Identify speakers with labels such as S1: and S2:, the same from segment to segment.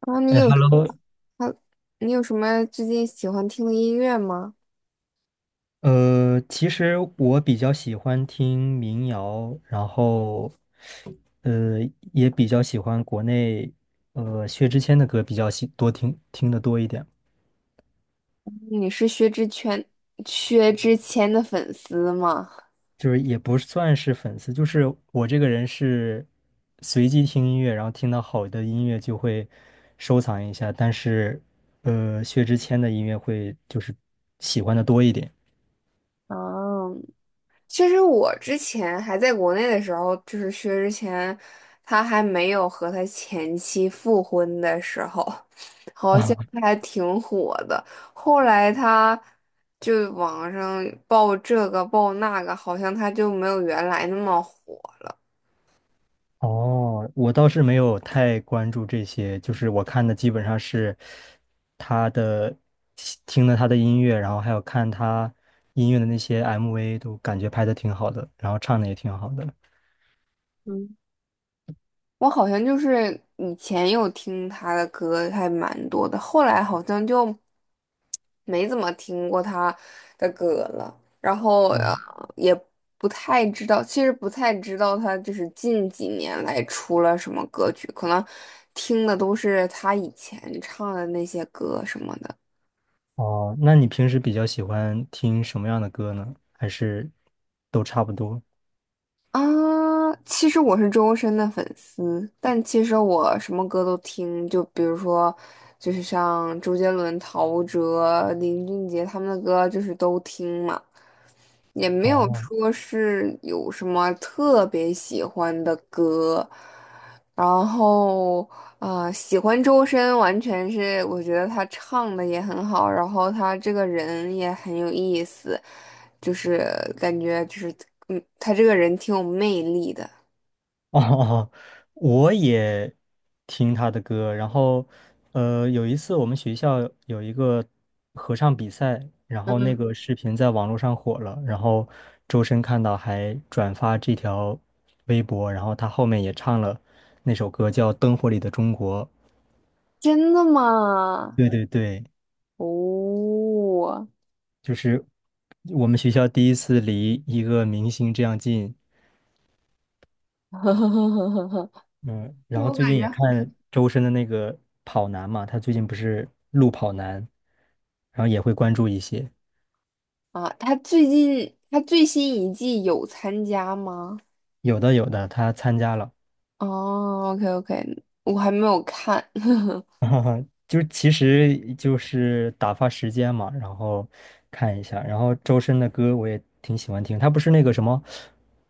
S1: 然后
S2: 哎，Hello，
S1: 么，你有什么最近喜欢听的音乐吗？
S2: 其实我比较喜欢听民谣，然后，呃，也比较喜欢国内，薛之谦的歌比较喜多听听的多一点，
S1: 你是薛之谦的粉丝吗？
S2: 就是也不算是粉丝，就是我这个人是随机听音乐，然后听到好的音乐就会收藏一下，但是，薛之谦的音乐会就是喜欢的多一点。
S1: 嗯，其实我之前还在国内的时候，就是薛之谦，他还没有和他前妻复婚的时候，好像
S2: 啊。
S1: 他还挺火的。后来他就网上爆这个爆那个，好像他就没有原来那么火了。
S2: 哦，我倒是没有太关注这些，就是我看的基本上是他的，听了他的音乐，然后还有看他音乐的那些 MV，都感觉拍的挺好的，然后唱的也挺好的。
S1: 嗯。我好像就是以前有听他的歌还蛮多的，后来好像就没怎么听过他的歌了，然后
S2: 嗯，
S1: 也不太知道，其实不太知道他就是近几年来出了什么歌曲，可能听的都是他以前唱的那些歌什么的。
S2: 哦，那你平时比较喜欢听什么样的歌呢？还是都差不多？
S1: 啊，其实我是周深的粉丝，但其实我什么歌都听，就比如说，就是像周杰伦、陶喆、林俊杰他们的歌，就是都听嘛，也没有
S2: 哦。
S1: 说是有什么特别喜欢的歌。然后，啊，喜欢周深完全是我觉得他唱的也很好，然后他这个人也很有意思，就是感觉就是。他这个人挺有魅力的。
S2: 哦，我也听他的歌，然后，有一次我们学校有一个合唱比赛，然后那
S1: 嗯，
S2: 个视频在网络上火了，然后周深看到还转发这条微博，然后他后面也唱了那首歌叫《灯火里的中国》。
S1: 真的吗？
S2: 对对对，
S1: 哦，
S2: 就是我们学校第一次离一个明星这样近，嗯，
S1: 是
S2: 然后
S1: 我
S2: 最
S1: 感
S2: 近
S1: 觉
S2: 也看周深的那个跑男嘛，他最近不是录跑男，然后也会关注一些，
S1: 好啊，他最新一季有参加吗？
S2: 有的有的他参加了，
S1: 哦，OK OK，我还没有看。
S2: 就是其实就是打发时间嘛，然后看一下，然后周深的歌我也挺喜欢听，他不是那个什么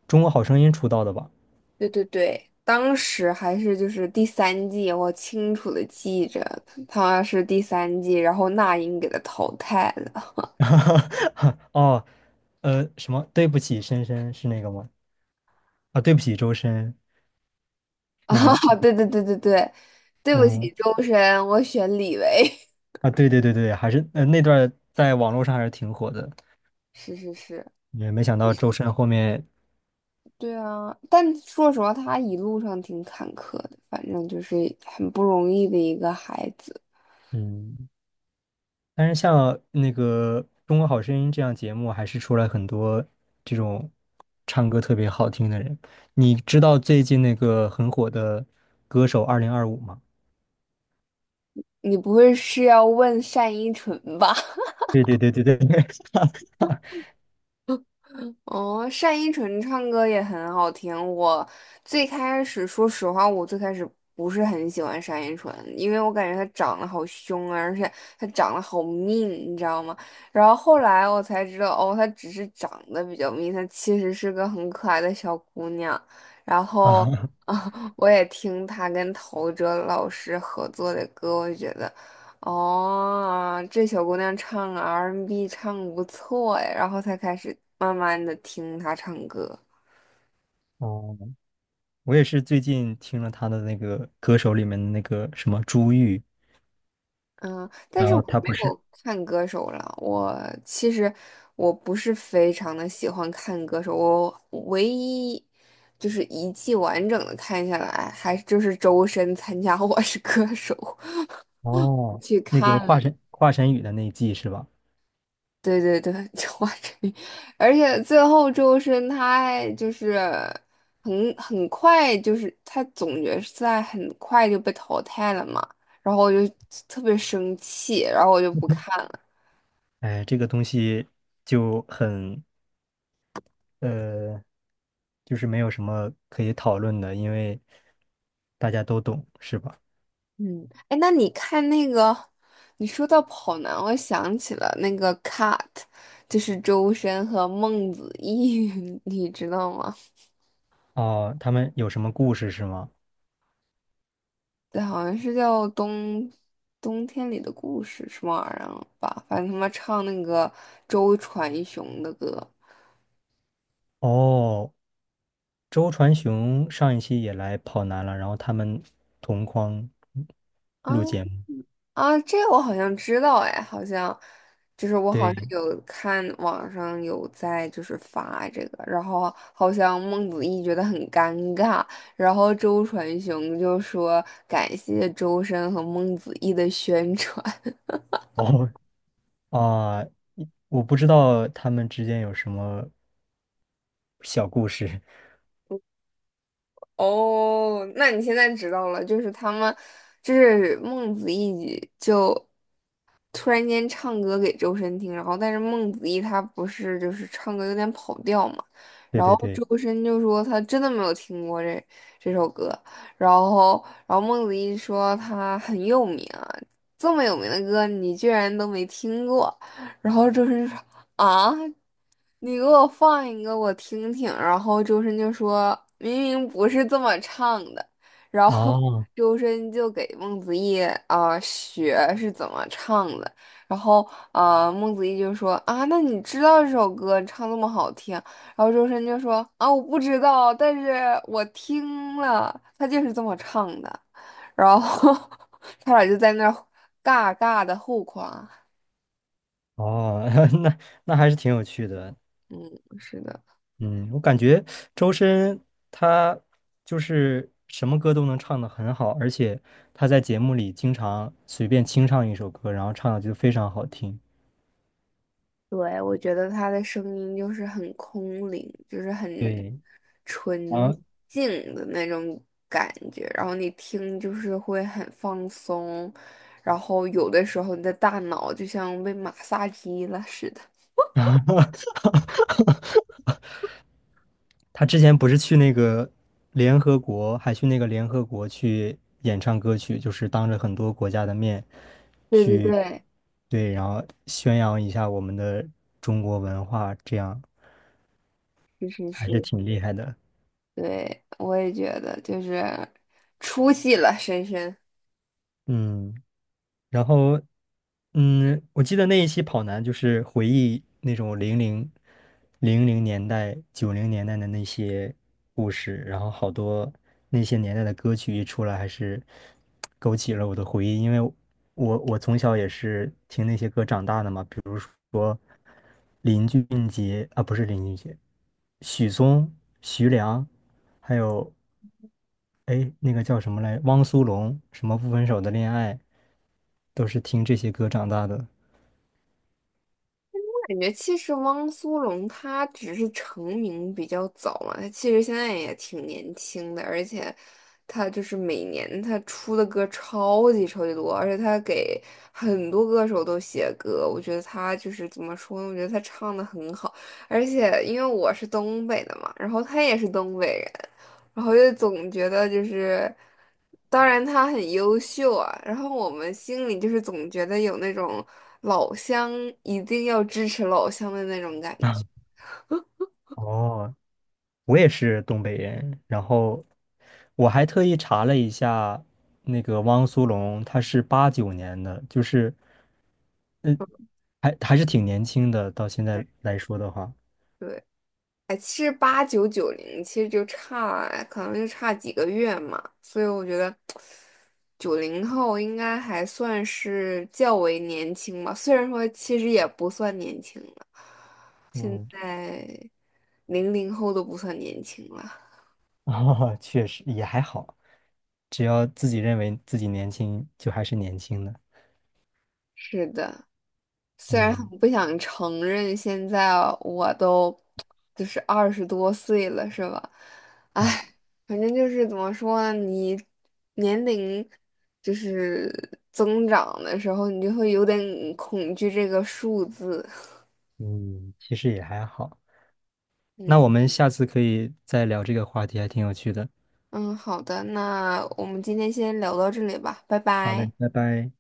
S2: 《中国好声音》出道的吧？
S1: 对对对，当时还是就是第三季，我清楚的记着他是第三季，然后那英给他淘汰了。
S2: 哦，什么对不起深深是那个吗？啊，对不起周深
S1: 啊，
S2: 那个，
S1: 对对对对对，对不起，
S2: 嗯。
S1: 周深，我选李维。
S2: 啊，对对对对，还是那段儿在网络上还是挺火的，
S1: 是是是，
S2: 也没想到周深后面，
S1: 对啊，但说实话，他一路上挺坎坷的，反正就是很不容易的一个孩子。
S2: 嗯，但是像那个《中国好声音》这样节目，还是出来很多这种唱歌特别好听的人。你知道最近那个很火的歌手2025吗？
S1: 你不会是要问单依纯吧？
S2: 对对对对对对
S1: 哦，单依纯唱歌也很好听。我最开始，说实话，我最开始不是很喜欢单依纯，因为我感觉她长得好凶啊，而且她长得好命，你知道吗？然后后来我才知道，哦，她只是长得比较命，她其实是个很可爱的小姑娘。然后
S2: 啊，
S1: 啊，我也听她跟陶喆老师合作的歌，我觉得。哦，这小姑娘唱 R&B n 唱得不错哎，然后才开始慢慢的听她唱歌。
S2: 哦，我也是最近听了他的那个歌手里面的那个什么朱玉，
S1: 嗯，但
S2: 然
S1: 是我
S2: 后他
S1: 没
S2: 不是
S1: 有看歌手了。我其实我不是非常的喜欢看歌手，我唯一就是一季完整的看下来，还就是周深参加 《我是歌手》
S2: 哦，
S1: 去
S2: 那个
S1: 看了。
S2: 华晨宇的那一季是吧？
S1: 对对对，就华晨宇，而且最后周深他还就是很快，就是他总决赛很快就被淘汰了嘛，然后我就特别生气，然后我就不看了。
S2: 哎，这个东西就很呃，就是没有什么可以讨论的，因为大家都懂，是吧？
S1: 嗯，哎，那你看那个，你说到跑男，我想起了那个 Cut，就是周深和孟子义，你知道吗？
S2: 哦，他们有什么故事是吗？
S1: 对，好像是叫冬天里的故事什么玩意儿吧，反正他们唱那个周传雄的歌
S2: 哦，周传雄上一期也来跑男了，然后他们同框
S1: 啊
S2: 录节目。
S1: 啊，这个我好像知道哎，好像就是我好像
S2: 对，
S1: 有看网上有在就是发这个，然后好像孟子义觉得很尴尬，然后周传雄就说感谢周深和孟子义的宣传。
S2: 哦啊，我不知道他们之间有什么小故事。
S1: 哦，那你现在知道了，就是他们，就是孟子义就突然间唱歌给周深听，然后但是孟子义他不是就是唱歌有点跑调嘛，
S2: 对
S1: 然
S2: 对
S1: 后
S2: 对，
S1: 周深就说他真的没有听过这首歌，然后孟子义说他很有名啊，这么有名的歌你居然都没听过，然后周深就说啊，你给我放一个我听听，然后周深就说明明不是这么唱的，然后。
S2: 哦
S1: 周深就给孟子义学是怎么唱的，然后孟子义就说啊，那你知道这首歌唱这么好听，然后周深就说啊我不知道，但是我听了，他就是这么唱的，然后 他俩就在那儿尬尬的互夸，
S2: 哦，那那还是挺有趣的。
S1: 是的。
S2: 嗯，我感觉周深他就是什么歌都能唱得很好，而且他在节目里经常随便清唱一首歌，然后唱的就非常好听。
S1: 对，我觉得他的声音就是很空灵，就是很
S2: 对，
S1: 纯
S2: 然后
S1: 净的那种感觉，然后你听就是会很放松，然后有的时候你的大脑就像被马杀鸡了似的。
S2: 他之前不是去那个联合国，还去那个联合国去演唱歌曲，就是当着很多国家的面
S1: 对对
S2: 去，
S1: 对，
S2: 对，然后宣扬一下我们的中国文化，这样
S1: 是是
S2: 还是
S1: 是，
S2: 挺厉害的。
S1: 对，我也觉得就是出戏了，深深。
S2: 嗯，然后。嗯，我记得那一期跑男就是回忆那种零零年代、90年代的那些故事，然后好多那些年代的歌曲一出来，还是勾起了我的回忆，因为我从小也是听那些歌长大的嘛，比如说林俊杰啊，不是林俊杰，许嵩、徐良，还有哎那个叫什么来，汪苏泷，什么不分手的恋爱，都是听这些歌长大的。
S1: 感觉其实汪苏泷他只是成名比较早嘛，他其实现在也挺年轻的，而且他就是每年他出的歌超级超级多，而且他给很多歌手都写歌，我觉得他就是怎么说呢？我觉得他唱的很好，而且因为我是东北的嘛，然后他也是东北人，然后就总觉得就是。当然他很优秀啊，然后我们心里就是总觉得有那种老乡一定要支持老乡的那种感觉。
S2: 哦，我也是东北人，然后我还特意查了一下，那个汪苏泷他是89年的，就是嗯，还是挺年轻的，到现
S1: 对，
S2: 在来说的话，
S1: 哎，其实八九九零其实就差，可能就差几个月嘛，所以我觉得九零后应该还算是较为年轻吧，虽然说其实也不算年轻了，现
S2: 嗯，
S1: 在零零后都不算年轻了。
S2: 啊，确实也还好，只要自己认为自己年轻，就还是年轻的，
S1: 是的。虽然很
S2: 嗯
S1: 不想承认，现在我都就是二十多岁了，是吧？
S2: 啊
S1: 唉，反正就是怎么说呢，你年龄就是增长的时候，你就会有点恐惧这个数字。
S2: 嗯，其实也还好。那我
S1: 嗯
S2: 们下次可以再聊这个话题，还挺有趣的。
S1: 嗯，好的，那我们今天先聊到这里吧，拜
S2: 好嘞，
S1: 拜。
S2: 拜拜。